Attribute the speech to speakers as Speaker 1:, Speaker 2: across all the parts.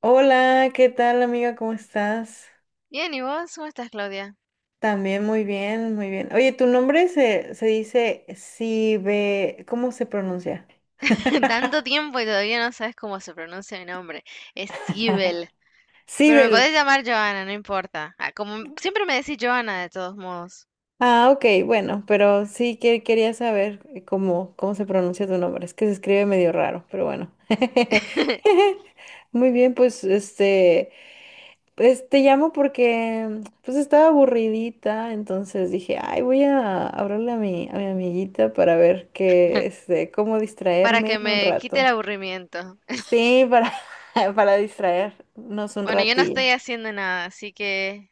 Speaker 1: Hola, ¿qué tal amiga? ¿Cómo estás?
Speaker 2: Bien, ¿y vos? ¿Cómo estás, Claudia?
Speaker 1: También muy bien, muy bien. Oye, tu nombre se dice Sibe, ¿cómo se pronuncia?
Speaker 2: Tanto tiempo y todavía no sabes cómo se pronuncia mi nombre. Es Sibel. Pero me
Speaker 1: Sibel.
Speaker 2: podés llamar Joana, no importa. Ah, como m- siempre me decís Joana, de todos modos.
Speaker 1: Ah, ok, bueno, pero sí que quería saber cómo, cómo se pronuncia tu nombre. Es que se escribe medio raro, pero bueno. Muy bien, pues te llamo porque pues estaba aburridita, entonces dije, ay, voy a hablarle a mi amiguita para ver qué, este, cómo
Speaker 2: Para
Speaker 1: distraerme
Speaker 2: que
Speaker 1: un
Speaker 2: me quite el
Speaker 1: rato.
Speaker 2: aburrimiento.
Speaker 1: Sí, para, para distraernos un
Speaker 2: Bueno, yo no
Speaker 1: ratillo.
Speaker 2: estoy haciendo nada, así que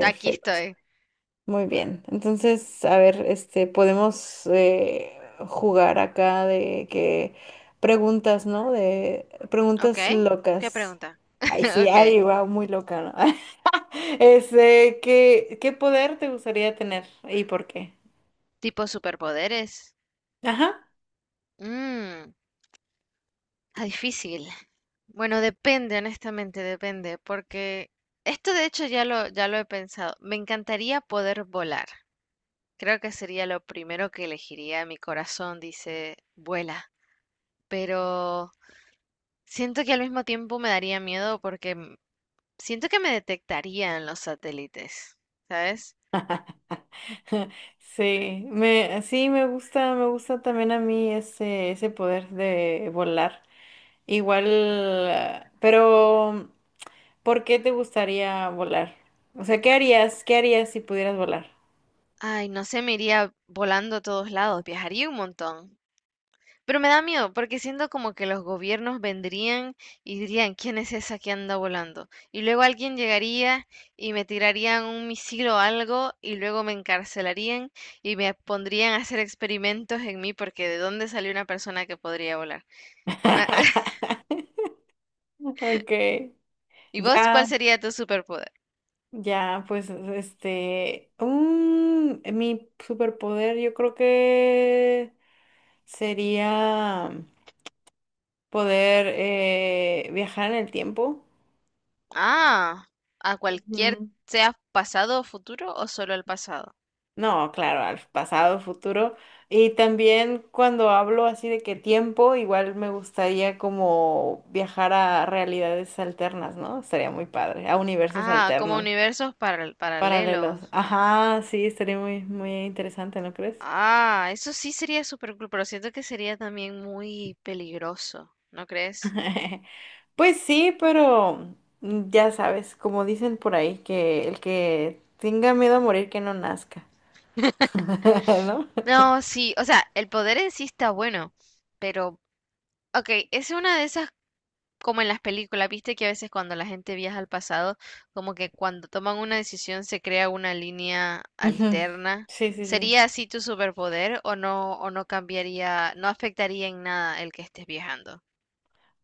Speaker 2: aquí estoy.
Speaker 1: Muy bien. Entonces, a ver, este, podemos jugar acá de que preguntas, ¿no? De
Speaker 2: ¿Ok?
Speaker 1: preguntas
Speaker 2: ¿Qué
Speaker 1: locas.
Speaker 2: pregunta?
Speaker 1: Ay, sí,
Speaker 2: Ok.
Speaker 1: ay, va, muy loca, ¿no? Este, ¿qué poder te gustaría tener y por qué?
Speaker 2: ¿Tipo superpoderes?
Speaker 1: Ajá.
Speaker 2: Mm. Ah, difícil. Bueno, depende, honestamente, depende, porque esto de hecho ya lo he pensado. Me encantaría poder volar. Creo que sería lo primero que elegiría. Mi corazón dice, vuela. Pero siento que al mismo tiempo me daría miedo porque m- siento que me detectarían los satélites, ¿sabes?
Speaker 1: Me gusta también a mí ese poder de volar. Igual, ah, pero ¿por qué te gustaría volar? O sea, ¿qué harías? ¿Qué harías si pudieras volar?
Speaker 2: Ay, no sé, me iría volando a todos lados, viajaría un montón. Pero me da miedo porque siento como que los gobiernos vendrían y dirían, ¿quién es esa que anda volando? Y luego alguien llegaría y me tirarían un misil o algo y luego me encarcelarían y me pondrían a hacer experimentos en mí porque ¿de dónde salió una persona que podría volar? Ma-
Speaker 1: Okay,
Speaker 2: ¿Y vos
Speaker 1: ya,
Speaker 2: cuál sería tu superpoder?
Speaker 1: ya, pues, este, mi superpoder yo creo que sería poder viajar en el tiempo.
Speaker 2: Ah, a cualquier,
Speaker 1: Ujú.
Speaker 2: sea pasado o futuro o solo al pasado.
Speaker 1: No, claro, al pasado, futuro. Y también cuando hablo así de que tiempo, igual me gustaría como viajar a realidades alternas, ¿no? Estaría muy padre, a universos
Speaker 2: Ah, como
Speaker 1: alternos,
Speaker 2: universos paral-
Speaker 1: paralelos.
Speaker 2: paralelos.
Speaker 1: Ajá, sí, estaría muy interesante, ¿no crees?
Speaker 2: Ah, eso sí sería súper cool, pero siento que sería también muy peligroso, ¿no crees?
Speaker 1: Pues sí, pero ya sabes, como dicen por ahí, que el que tenga miedo a morir, que no nazca, ¿no?
Speaker 2: No, sí, o sea, el poder en sí está bueno, pero, ok, es una de esas, como en las películas, viste que a veces cuando la gente viaja al pasado, como que cuando toman una decisión se crea una línea
Speaker 1: Ujú.
Speaker 2: alterna.
Speaker 1: Sí, sí, sí.
Speaker 2: ¿Sería así tu superpoder o no cambiaría, no afectaría en nada el que estés viajando?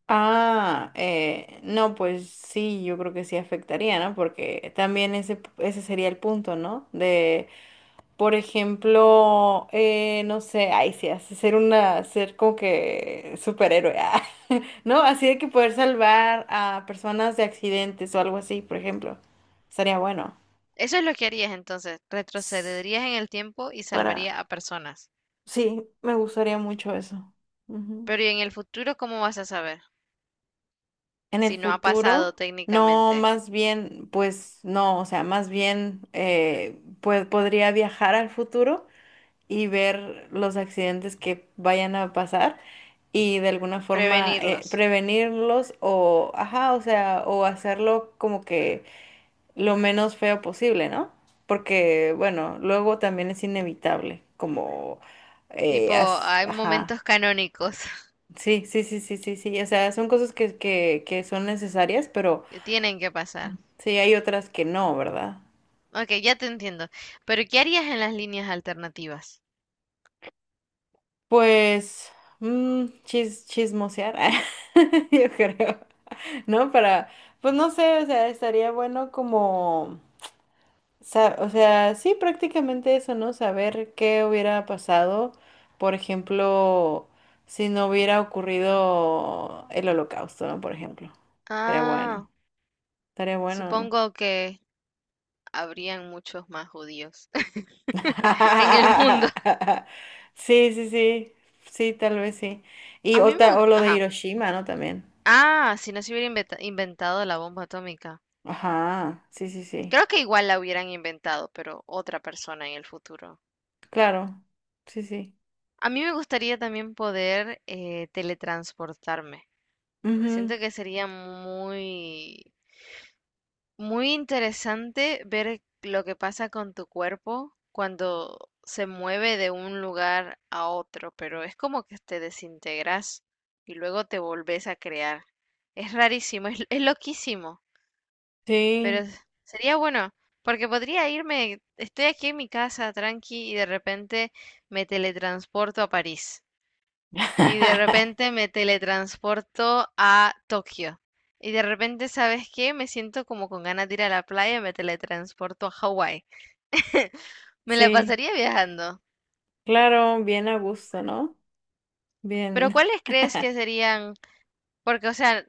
Speaker 1: Ah, no, pues sí, yo creo que sí afectaría, ¿no? Porque también ese sería el punto, ¿no? De, por ejemplo, no sé, ay, sí, hace ser una, ser como que superhéroe, ah, ¿no? Así de que poder salvar a personas de accidentes o algo así, por ejemplo, estaría bueno.
Speaker 2: Eso es lo que harías entonces,
Speaker 1: S-
Speaker 2: retrocederías en el tiempo y
Speaker 1: Para,
Speaker 2: salvaría a personas.
Speaker 1: sí, me gustaría mucho eso.
Speaker 2: Pero ¿y en el futuro cómo vas a saber?
Speaker 1: En el
Speaker 2: Si no ha
Speaker 1: futuro,
Speaker 2: pasado
Speaker 1: no,
Speaker 2: técnicamente.
Speaker 1: más bien, pues no, o sea, más bien, pues podría viajar al futuro y ver los accidentes que vayan a pasar y de alguna forma
Speaker 2: Prevenirlos.
Speaker 1: prevenirlos o, ajá, o sea, o hacerlo como que lo menos feo posible, ¿no? Porque, bueno, luego también es inevitable, como,
Speaker 2: Tipo, hay
Speaker 1: ajá,
Speaker 2: momentos canónicos
Speaker 1: sí, sí, sí, sí, sí, sí, o sea, son cosas que son necesarias, pero...
Speaker 2: que tienen que pasar.
Speaker 1: Sí, hay otras que no, ¿verdad?
Speaker 2: Ok, ya te entiendo. Pero ¿qué harías en las líneas alternativas?
Speaker 1: Pues, chismosear, yo creo, ¿no? Para, pues no sé, o sea, estaría bueno como, o sea, sí, prácticamente eso, ¿no? Saber qué hubiera pasado, por ejemplo, si no hubiera ocurrido el holocausto, ¿no? Por ejemplo, estaría bueno,
Speaker 2: Ah,
Speaker 1: estaría bueno, ¿no?
Speaker 2: supongo que habrían muchos más judíos en el mundo.
Speaker 1: Sí, sí, sí, sí, tal vez sí. Y
Speaker 2: A mí me
Speaker 1: otra, o lo
Speaker 2: gusta...
Speaker 1: de
Speaker 2: Ajá.
Speaker 1: Hiroshima, ¿no? También.
Speaker 2: Ah, si no se hubiera inventa- inventado la bomba atómica.
Speaker 1: Ajá, sí, sí, sí.
Speaker 2: Creo que igual la hubieran inventado, pero otra persona en el futuro.
Speaker 1: Claro, sí, sí.
Speaker 2: A mí me gustaría también poder teletransportarme.
Speaker 1: Ujú.
Speaker 2: Siento que sería muy interesante ver lo que pasa con tu cuerpo cuando se mueve de un lugar a otro, pero es como que te desintegras y luego te volvés a crear. Es rarísimo, es loquísimo, pero
Speaker 1: Sí.
Speaker 2: es- sería bueno, porque podría irme, estoy aquí en mi casa tranqui y de repente me teletransporto a París. Y de repente me teletransporto a Tokio. Y de repente, ¿sabes qué? Me siento como con ganas de ir a la playa y me teletransporto a Hawái. Me la
Speaker 1: Sí,
Speaker 2: pasaría viajando.
Speaker 1: claro, bien a gusto, ¿no?
Speaker 2: Pero
Speaker 1: Bien.
Speaker 2: ¿cuáles crees que serían? Porque, o sea,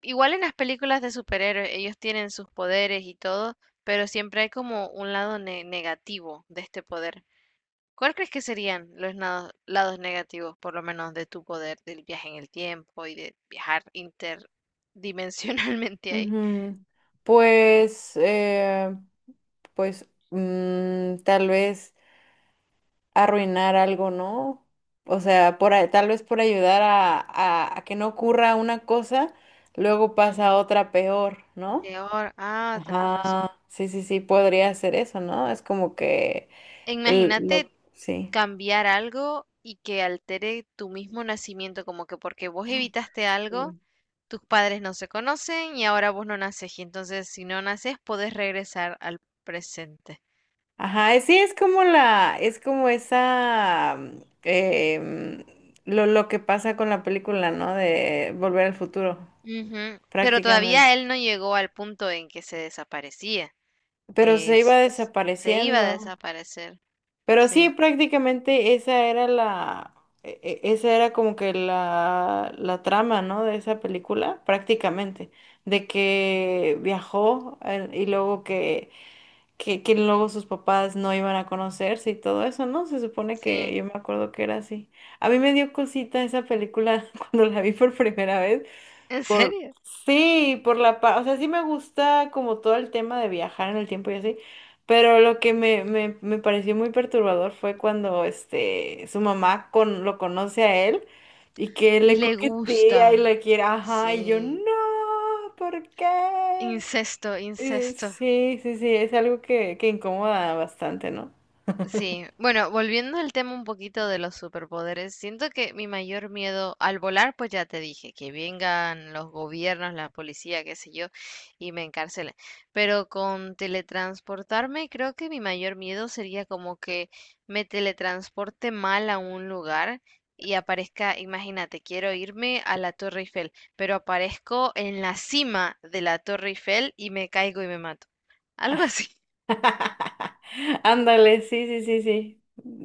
Speaker 2: igual en las películas de superhéroes ellos tienen sus poderes y todo, pero siempre hay como un lado ne- negativo de este poder. ¿Cuál crees que serían los nado- lados negativos, por lo menos, de tu poder, del viaje en el tiempo y de viajar interdimensionalmente ahí?
Speaker 1: Ujú. Pues, pues, mm, tal vez arruinar algo, ¿no? O sea, tal vez por ayudar a, a que no ocurra una cosa, luego pasa
Speaker 2: Ujú,
Speaker 1: otra peor, ¿no?
Speaker 2: peor. Ah, tenés razón.
Speaker 1: Ajá, sí, sí, sí, podría ser eso, ¿no? Es como que l- lo,
Speaker 2: Imagínate
Speaker 1: sí.
Speaker 2: cambiar algo y que altere tu mismo nacimiento, como que porque vos evitaste algo,
Speaker 1: Sí.
Speaker 2: tus padres no se conocen y ahora vos no naces. Y entonces, si no naces, podés regresar al presente.
Speaker 1: Ajá, sí, es como la, es como esa, lo que pasa con la película, ¿no? De Volver al Futuro,
Speaker 2: Ujú, pero
Speaker 1: prácticamente.
Speaker 2: todavía él no llegó al punto en que se desaparecía.
Speaker 1: Pero se iba
Speaker 2: Es- se iba a
Speaker 1: desapareciendo.
Speaker 2: desaparecer.
Speaker 1: Pero sí,
Speaker 2: Sí,
Speaker 1: prácticamente esa era la, esa era como que la trama, ¿no? De esa película, prácticamente, de que viajó y luego que luego sus papás no iban a conocerse y todo eso, ¿no? Se supone que
Speaker 2: sí.
Speaker 1: yo me acuerdo que era así. A mí me dio cosita esa película cuando la vi por primera vez.
Speaker 2: ¿En
Speaker 1: Por,
Speaker 2: serio?
Speaker 1: sí, por la paz, o sea, sí me gusta como todo el tema de viajar en el tiempo y así, pero lo que me pareció muy perturbador fue cuando este su mamá con, lo conoce a él y que
Speaker 2: Y
Speaker 1: le
Speaker 2: le
Speaker 1: coquetea y
Speaker 2: gusta.
Speaker 1: le quiere, ajá, y yo,
Speaker 2: Sí.
Speaker 1: no, ¿por qué?
Speaker 2: Incesto, incesto.
Speaker 1: Sí, sí, sí, es algo que incomoda bastante, ¿no?
Speaker 2: Sí, bueno, volviendo al tema un poquito de los superpoderes, siento que mi mayor miedo al volar, pues ya te dije, que vengan los gobiernos, la policía, qué sé yo, y me encarcelen. Pero con teletransportarme, creo que mi mayor miedo sería como que me teletransporte mal a un lugar y aparezca, imagínate, quiero irme a la Torre Eiffel, pero aparezco en la cima de la Torre Eiffel y me caigo y me mato. Algo así.
Speaker 1: Ándale, sí, sí, sí, sí.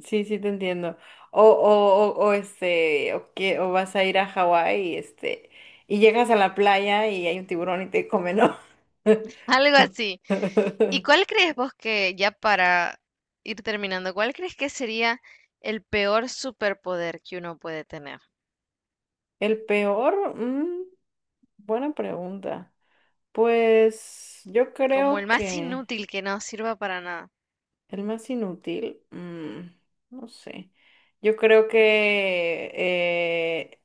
Speaker 1: Sí, sí, te entiendo. O que, o vas a ir a Hawái y este, y llegas a la playa y hay un tiburón y te come, ¿no?
Speaker 2: Algo así. ¿Y cuál crees vos que, ya para ir terminando, cuál crees que sería el peor superpoder que uno puede tener?
Speaker 1: El peor, buena pregunta. Pues yo
Speaker 2: Como el
Speaker 1: creo
Speaker 2: más
Speaker 1: que
Speaker 2: inútil que no sirva para nada.
Speaker 1: el más inútil, no sé. Yo creo que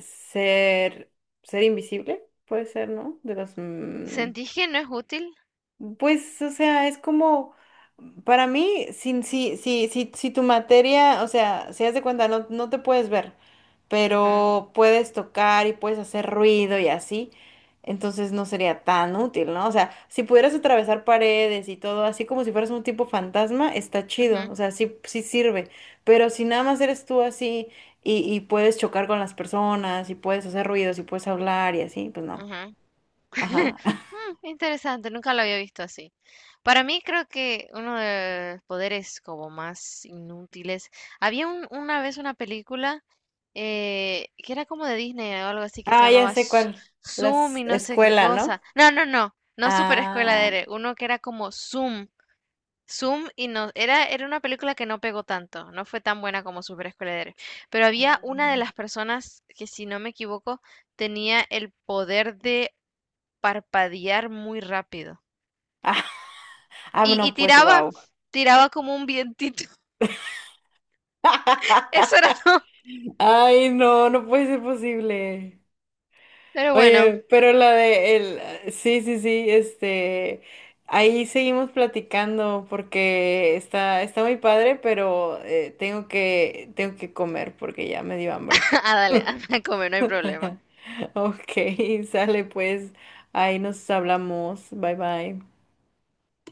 Speaker 1: ser, ser invisible, puede ser, ¿no? De los
Speaker 2: ¿Sentís que no es útil?
Speaker 1: pues, o sea, es como, para mí, si tu materia, o sea, si haz de cuenta, no, no te puedes ver,
Speaker 2: Ujú,
Speaker 1: pero puedes tocar y puedes hacer ruido y así, entonces no sería tan útil, ¿no? O sea, si pudieras atravesar paredes y todo, así como si fueras un tipo fantasma, está chido,
Speaker 2: ujú,
Speaker 1: o sea, sí, sí sirve, pero si nada más eres tú así y puedes chocar con las personas y puedes hacer ruidos y puedes hablar y así, pues no.
Speaker 2: ujú.
Speaker 1: Ajá.
Speaker 2: Mm, interesante, nunca lo había visto así. Para mí creo que uno de los poderes como más inútiles. Había un- una vez una película que era como de Disney o algo así que se
Speaker 1: Ah, ya
Speaker 2: llamaba
Speaker 1: sé
Speaker 2: Su-
Speaker 1: cuál. La
Speaker 2: Zoom y no sé qué
Speaker 1: escuela, ¿no?
Speaker 2: cosa. No, no, no, no Super Escuela de
Speaker 1: Ah,
Speaker 2: Héroe, uno que era como Zoom. Zoom y no, era una película que no pegó tanto, no fue tan buena como Super Escuela de Héroe. Pero había
Speaker 1: ah,
Speaker 2: una de las personas que, si no me equivoco, tenía el poder de parpadear muy rápido.
Speaker 1: ah,
Speaker 2: Y
Speaker 1: no, pues
Speaker 2: tiraba,
Speaker 1: wow.
Speaker 2: tiraba como un vientito. Eso era todo.
Speaker 1: Ay, no, no puede ser posible.
Speaker 2: Pero bueno,
Speaker 1: Oye, pero la de el, sí, sí, sí, este, ahí seguimos platicando porque está, está muy padre, pero tengo tengo que comer porque ya me dio hambre.
Speaker 2: a dale, anda a comer, no hay problema.
Speaker 1: Ok, sale pues, ahí nos hablamos. Bye bye.